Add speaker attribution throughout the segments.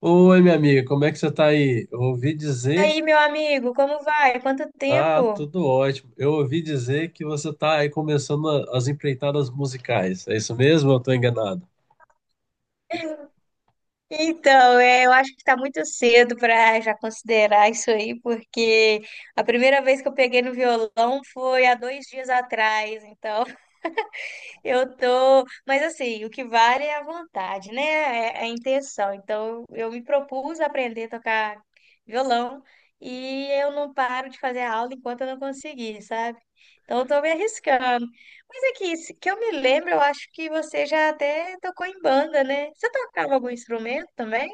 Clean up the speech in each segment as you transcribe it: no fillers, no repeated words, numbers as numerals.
Speaker 1: Oi, minha amiga, como é que você tá aí? Eu ouvi
Speaker 2: E
Speaker 1: dizer.
Speaker 2: aí, meu amigo, como vai? Quanto tempo?
Speaker 1: Ah, tudo ótimo. Eu ouvi dizer que você tá aí começando as empreitadas musicais. É isso mesmo? Ou eu tô enganado.
Speaker 2: Então, é, eu acho que está muito cedo para já considerar isso aí, porque a primeira vez que eu peguei no violão foi há dois dias atrás, então eu tô. Mas assim, o que vale é a vontade, né? É a intenção. Então, eu me propus a aprender a tocar violão e eu não paro de fazer aula enquanto eu não conseguir, sabe? Então, eu tô me arriscando. Mas é que, que eu me lembro, eu acho que você já até tocou em banda, né? Você tocava algum instrumento também?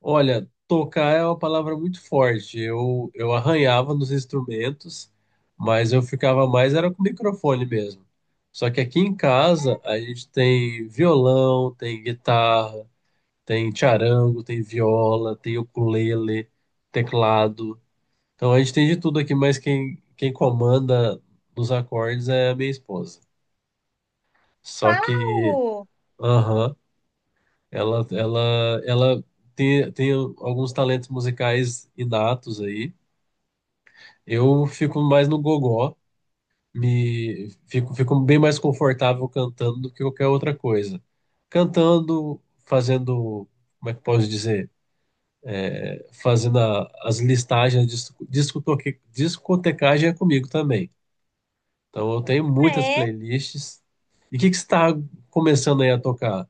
Speaker 1: Olha, tocar é uma palavra muito forte. Eu arranhava nos instrumentos, mas eu ficava mais era com o microfone mesmo. Só que aqui em casa a gente tem violão, tem guitarra, tem charango, tem viola, tem ukulele, teclado. Então a gente tem de tudo aqui, mas quem comanda nos acordes é a minha esposa. Só que,
Speaker 2: Uau!
Speaker 1: aham, ela, ela, ela tem alguns talentos musicais inatos aí. Eu fico mais no gogó, fico bem mais confortável cantando do que qualquer outra coisa. Cantando, fazendo, como é que posso dizer? Fazendo as listagens, discotecagem é comigo também. Então eu tenho
Speaker 2: Ah,
Speaker 1: muitas
Speaker 2: é?
Speaker 1: playlists. E o que que você está começando aí a tocar?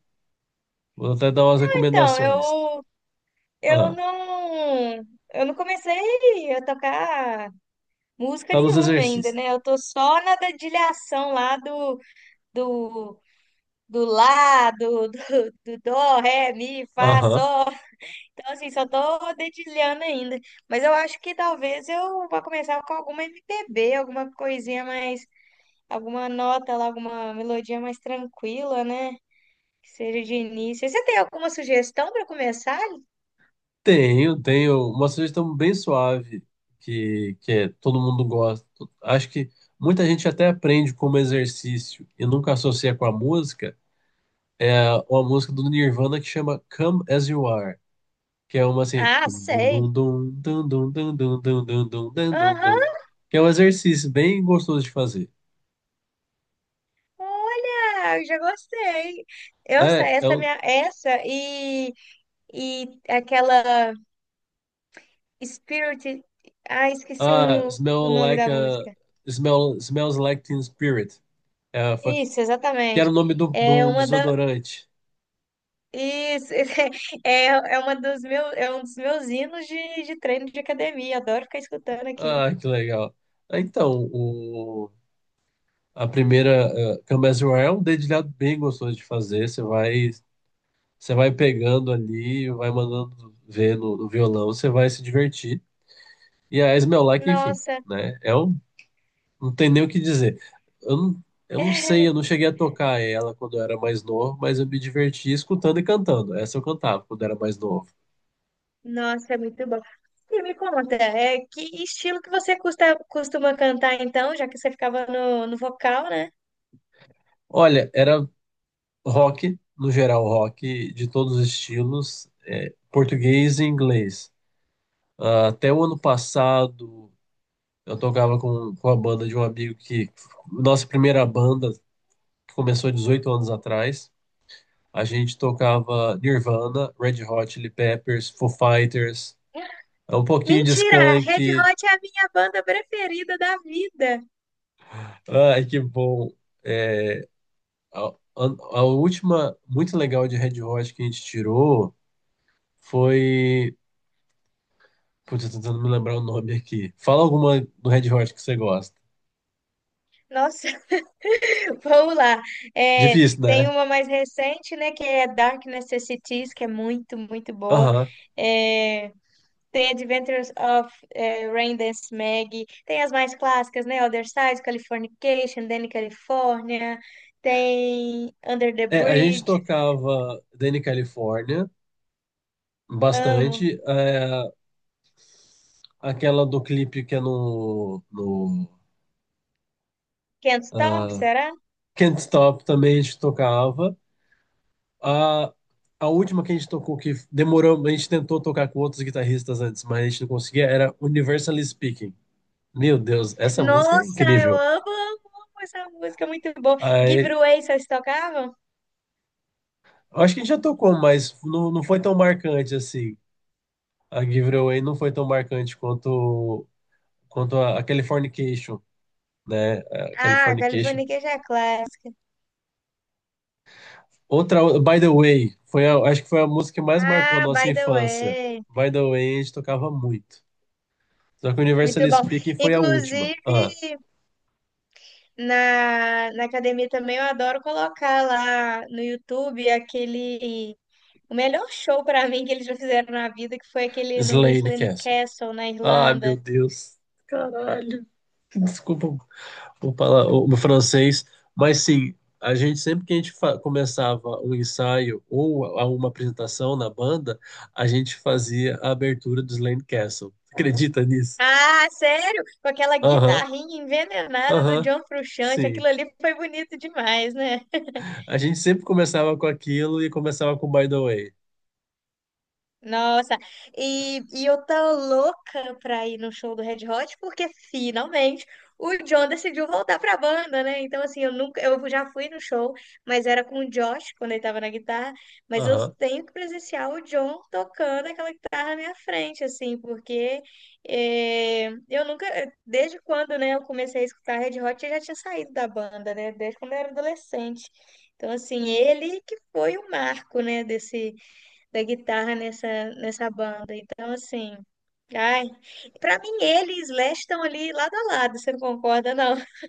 Speaker 1: Vou até dar umas
Speaker 2: Então,
Speaker 1: recomendações.
Speaker 2: eu
Speaker 1: Ah,
Speaker 2: não, eu não comecei a tocar música
Speaker 1: tá nos
Speaker 2: nenhuma ainda,
Speaker 1: exercícios.
Speaker 2: né? Eu tô só na dedilhação lá do, do lá, do dó, ré, mi, fá,
Speaker 1: Aham.
Speaker 2: sol. Então, assim, só tô dedilhando ainda. Mas eu acho que talvez eu vá começar com alguma MPB, alguma coisinha mais alguma nota lá, alguma melodia mais tranquila, né? Que seja de início. Você tem alguma sugestão para começar?
Speaker 1: Tenho uma sugestão bem suave que todo mundo gosta. Acho que muita gente até aprende como exercício e nunca associa com a música. É uma música do Nirvana que chama Come As You Are, que é uma assim,
Speaker 2: Ah,
Speaker 1: dum,
Speaker 2: sei.
Speaker 1: dum, dum, dum, dum, dum, dum, dum, dum, dum, dum, dum, dum, dum,
Speaker 2: Aham,
Speaker 1: que é um exercício bem gostoso de fazer.
Speaker 2: olha, eu já gostei. Essa,
Speaker 1: É, é
Speaker 2: essa
Speaker 1: o.
Speaker 2: minha, essa e aquela Spirit. Ah, esqueci
Speaker 1: Ah,
Speaker 2: o
Speaker 1: Smell
Speaker 2: nome
Speaker 1: Like
Speaker 2: da
Speaker 1: a.
Speaker 2: música.
Speaker 1: Smells Like Teen Spirit. É, foi,
Speaker 2: Isso,
Speaker 1: que era
Speaker 2: exatamente.
Speaker 1: o nome de
Speaker 2: É
Speaker 1: um
Speaker 2: uma da
Speaker 1: desodorante.
Speaker 2: isso é uma dos meus é um dos meus hinos de treino de academia. Adoro ficar escutando aquilo.
Speaker 1: Ah, que legal. Ah, então, a primeira Come As You Are é um dedilhado bem gostoso de fazer. Você vai pegando ali, vai mandando ver no violão, você vai se divertir. E a Smell Like, enfim,
Speaker 2: Nossa.
Speaker 1: né? É um. Não tem nem o que dizer. Eu não, eu não sei, eu não cheguei a tocar ela quando eu era mais novo, mas eu me divertia escutando e cantando. Essa eu cantava quando era mais novo.
Speaker 2: Nossa, é muito bom. E me conta, é, que estilo que você costuma cantar então, já que você ficava no vocal, né?
Speaker 1: Olha, era rock, no geral, rock de todos os estilos, é, português e inglês. Ah, até o ano passado, eu tocava com a banda de um amigo que. Nossa primeira banda, que começou 18 anos atrás. A gente tocava Nirvana, Red Hot Chili Peppers, Foo Fighters, um pouquinho de
Speaker 2: Mentira, a Red
Speaker 1: Skank.
Speaker 2: Hot é a minha banda preferida da vida.
Speaker 1: Ai, que bom. É, a a- última muito legal de Red Hot que a gente tirou foi. Putz, eu tô tentando me lembrar o nome aqui. Fala alguma do Red Hot que você gosta.
Speaker 2: Nossa, vamos lá. É,
Speaker 1: Difícil,
Speaker 2: tem
Speaker 1: né?
Speaker 2: uma mais recente, né, que é Dark Necessities, que é muito, muito boa.
Speaker 1: Aham.
Speaker 2: É, tem Adventures of Raindance Maggie, tem as mais clássicas, né? Other Side, Californication, Danny California, tem Under the
Speaker 1: É, a gente
Speaker 2: Bridge,
Speaker 1: tocava Danny California
Speaker 2: amo.
Speaker 1: bastante. É, aquela do clipe que é no.
Speaker 2: Can't Stop,
Speaker 1: Ah,
Speaker 2: será?
Speaker 1: Can't Stop também a gente tocava. A, a última que a gente tocou, que demorou, a gente tentou tocar com outros guitarristas antes, mas a gente não conseguia, era Universally Speaking. Meu Deus, essa música é
Speaker 2: Nossa, eu
Speaker 1: incrível.
Speaker 2: amo, amo, amo essa música, muito boa. Give It
Speaker 1: Aí,
Speaker 2: Away, vocês tocavam?
Speaker 1: eu acho que a gente já tocou, mas não foi tão marcante assim. A Give It Away não foi tão marcante quanto a Californication, né? A
Speaker 2: Ah,
Speaker 1: Californication.
Speaker 2: Californication é clássica.
Speaker 1: Outra, By the Way, foi acho que foi a música que mais marcou a
Speaker 2: Ah,
Speaker 1: nossa
Speaker 2: By the
Speaker 1: infância.
Speaker 2: Way.
Speaker 1: By the Way, a gente tocava muito. Só que
Speaker 2: Muito
Speaker 1: Universally
Speaker 2: bom.
Speaker 1: Speaking foi a última. Ah,
Speaker 2: Inclusive, na academia também eu adoro colocar lá no YouTube aquele o melhor show pra mim que eles já fizeram na vida, que foi aquele no
Speaker 1: Slane
Speaker 2: Islane
Speaker 1: Castle.
Speaker 2: Castle, na
Speaker 1: Ai,
Speaker 2: Irlanda.
Speaker 1: meu Deus. Caralho. Desculpa o meu francês, mas sim, a gente sempre que a gente começava um ensaio ou uma apresentação na banda, a gente fazia a abertura do Slane Castle. Acredita nisso?
Speaker 2: Ah, sério? Com aquela
Speaker 1: Aham,
Speaker 2: guitarrinha envenenada do
Speaker 1: aham.
Speaker 2: John Frusciante, aquilo
Speaker 1: Sim.
Speaker 2: ali foi bonito demais, né?
Speaker 1: A gente sempre começava com aquilo e começava com By the Way.
Speaker 2: Nossa, e eu tô louca pra ir no show do Red Hot, porque finalmente o John decidiu voltar pra banda, né? Então, assim, eu já fui no show, mas era com o Josh quando ele tava na guitarra, mas eu
Speaker 1: Aham.
Speaker 2: tenho que presenciar o John tocando aquela guitarra na minha frente, assim, porque eu nunca, desde quando, né, eu comecei a escutar Red Hot, eu já tinha saído da banda, né? Desde quando eu era adolescente. Então, assim, ele que foi o marco, né, desse da guitarra nessa banda. Então, assim, ai, para mim ele e Slash estão ali lado a lado, você não concorda, não?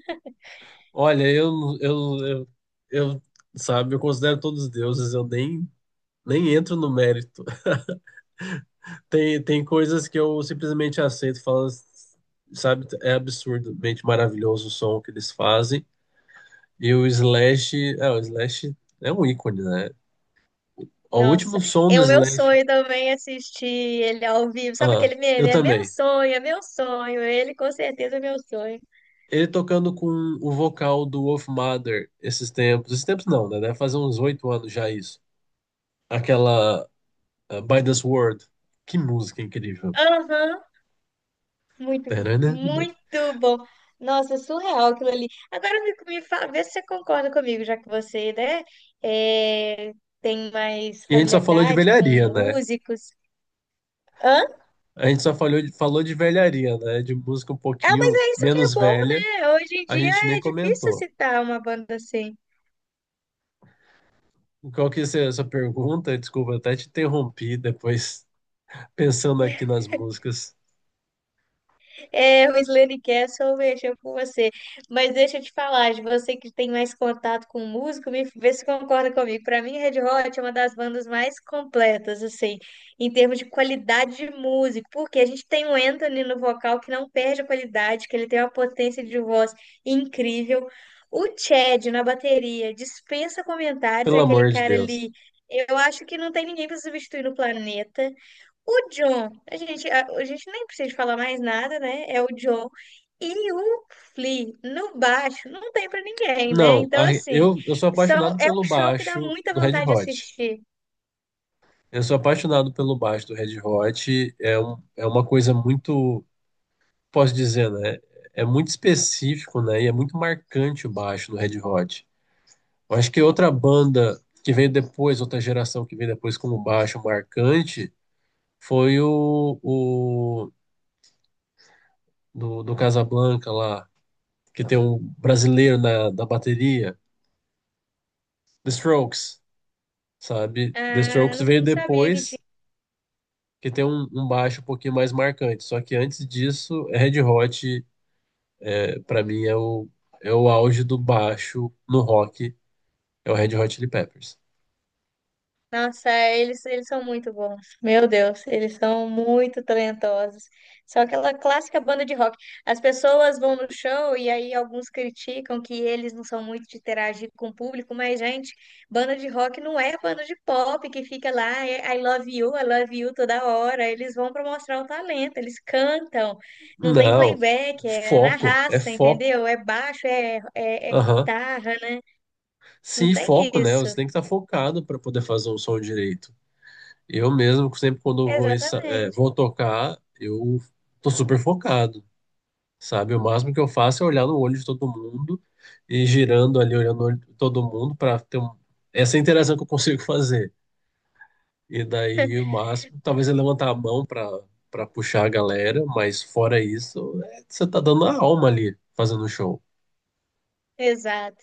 Speaker 1: Olha, eu, eu, eu, sabe, eu considero todos deuses, eu nem, nem entro no mérito. Tem coisas que eu simplesmente aceito, falando, sabe, é absurdamente maravilhoso o som que eles fazem. E o Slash é um ícone, né? O último
Speaker 2: Nossa,
Speaker 1: som
Speaker 2: é
Speaker 1: do
Speaker 2: o meu
Speaker 1: Slash.
Speaker 2: sonho também assistir ele ao vivo. Sabe
Speaker 1: Ah,
Speaker 2: aquele
Speaker 1: eu
Speaker 2: meme? É meu
Speaker 1: também.
Speaker 2: sonho, é meu sonho. Ele com certeza é meu sonho.
Speaker 1: Ele tocando com o vocal do Wolf Mother esses tempos não, né? Deve fazer uns oito anos já isso. Aquela ah, By the Sword, que música incrível.
Speaker 2: Aham,
Speaker 1: Tarana.
Speaker 2: muito bom. Nossa, surreal aquilo ali. Agora me, vê se você concorda comigo, já que você, né, é, tem mais
Speaker 1: E a gente só falou de
Speaker 2: familiaridade com
Speaker 1: velharia, né?
Speaker 2: músicos. Hã?
Speaker 1: A gente só falou de velharia, né? De música um
Speaker 2: Ah, mas
Speaker 1: pouquinho
Speaker 2: é isso que é
Speaker 1: menos
Speaker 2: bom,
Speaker 1: velha,
Speaker 2: né? Hoje em
Speaker 1: a gente
Speaker 2: dia
Speaker 1: nem
Speaker 2: é difícil
Speaker 1: comentou.
Speaker 2: citar uma banda assim.
Speaker 1: Qual que é essa sua pergunta? Desculpa, eu até te interrompi depois, pensando aqui nas músicas.
Speaker 2: É, o Slane Castle mexeu com você. Mas deixa eu te falar, de você que tem mais contato com música, me vê se concorda comigo. Para mim, Red Hot é uma das bandas mais completas, assim, em termos de qualidade de música, porque a gente tem o Anthony no vocal que não perde a qualidade, que ele tem uma potência de voz incrível. O Chad na bateria dispensa comentários,
Speaker 1: Pelo
Speaker 2: é aquele
Speaker 1: amor de
Speaker 2: cara
Speaker 1: Deus.
Speaker 2: ali. Eu acho que não tem ninguém para substituir no planeta. O John, a gente nem precisa falar mais nada, né? É o John. E o Flea, no baixo, não tem pra ninguém, né?
Speaker 1: Não,
Speaker 2: Então, assim,
Speaker 1: eu sou
Speaker 2: são,
Speaker 1: apaixonado
Speaker 2: é
Speaker 1: pelo
Speaker 2: um show que dá
Speaker 1: baixo
Speaker 2: muita
Speaker 1: do Red
Speaker 2: vontade de
Speaker 1: Hot.
Speaker 2: assistir.
Speaker 1: Eu sou apaixonado pelo baixo do Red Hot. É, um, é uma coisa muito, posso dizer, né? É muito específico, né? E é muito marcante o baixo do Red Hot. Eu acho que outra banda que veio depois, outra geração que veio depois como baixo marcante, foi do Casablanca lá, que tem um brasileiro na bateria, The Strokes, sabe? The
Speaker 2: Ah,
Speaker 1: Strokes
Speaker 2: não,
Speaker 1: veio
Speaker 2: não sabia que.
Speaker 1: depois, que tem um baixo um pouquinho mais marcante. Só que antes disso, Red Hot, é, para mim, é o auge do baixo no rock, é o Red Hot Chili Peppers.
Speaker 2: Nossa, é, eles são muito bons. Meu Deus, eles são muito talentosos. São aquela clássica banda de rock. As pessoas vão no show e aí alguns criticam que eles não são muito de interagir com o público, mas, gente, banda de rock não é banda de pop que fica lá, é I love you toda hora. Eles vão para mostrar o talento, eles cantam, não tem
Speaker 1: Não,
Speaker 2: playback, é na
Speaker 1: foco, é
Speaker 2: raça,
Speaker 1: foco.
Speaker 2: entendeu? É baixo, é
Speaker 1: Aham.
Speaker 2: guitarra, né? Não
Speaker 1: Sim,
Speaker 2: tem
Speaker 1: foco, né?
Speaker 2: isso.
Speaker 1: Você tem que estar focado para poder fazer um som direito. Eu mesmo, sempre quando eu vou,
Speaker 2: Exatamente,
Speaker 1: vou tocar, eu tô super focado, sabe? O máximo que eu faço é olhar no olho de todo mundo e girando ali, olhando no olho de todo mundo para ter essa interação que eu consigo fazer. E daí o máximo, talvez é levantar a mão para puxar a galera, mas fora isso, é, você tá dando a alma ali fazendo o show.
Speaker 2: exato.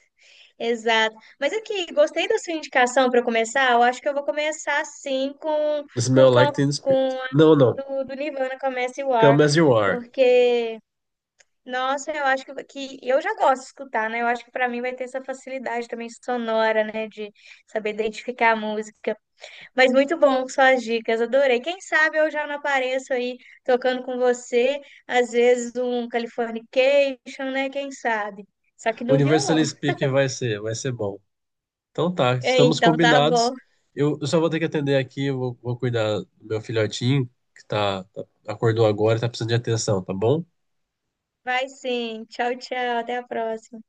Speaker 2: Exato. Mas aqui, gostei da sua indicação para começar. Eu acho que eu vou começar sim
Speaker 1: Smell
Speaker 2: com com,
Speaker 1: Like Teen Spirit.
Speaker 2: com
Speaker 1: Não, não.
Speaker 2: a do Nirvana Comece War,
Speaker 1: Come As You Are.
Speaker 2: porque nossa, eu acho que eu já gosto de escutar, né? Eu acho que para mim vai ter essa facilidade também sonora, né, de saber identificar a música. Mas muito bom suas dicas, adorei. Quem sabe eu já não apareço aí tocando com você, às vezes um Californication, né? Quem sabe? Só que no
Speaker 1: Universal
Speaker 2: violão.
Speaker 1: Speaking vai ser bom. Então tá, estamos
Speaker 2: Então tá bom.
Speaker 1: combinados. Eu só vou ter que atender aqui, vou cuidar do meu filhotinho, que tá, acordou agora e tá precisando de atenção, tá bom?
Speaker 2: Vai sim. Tchau, tchau. Até a próxima.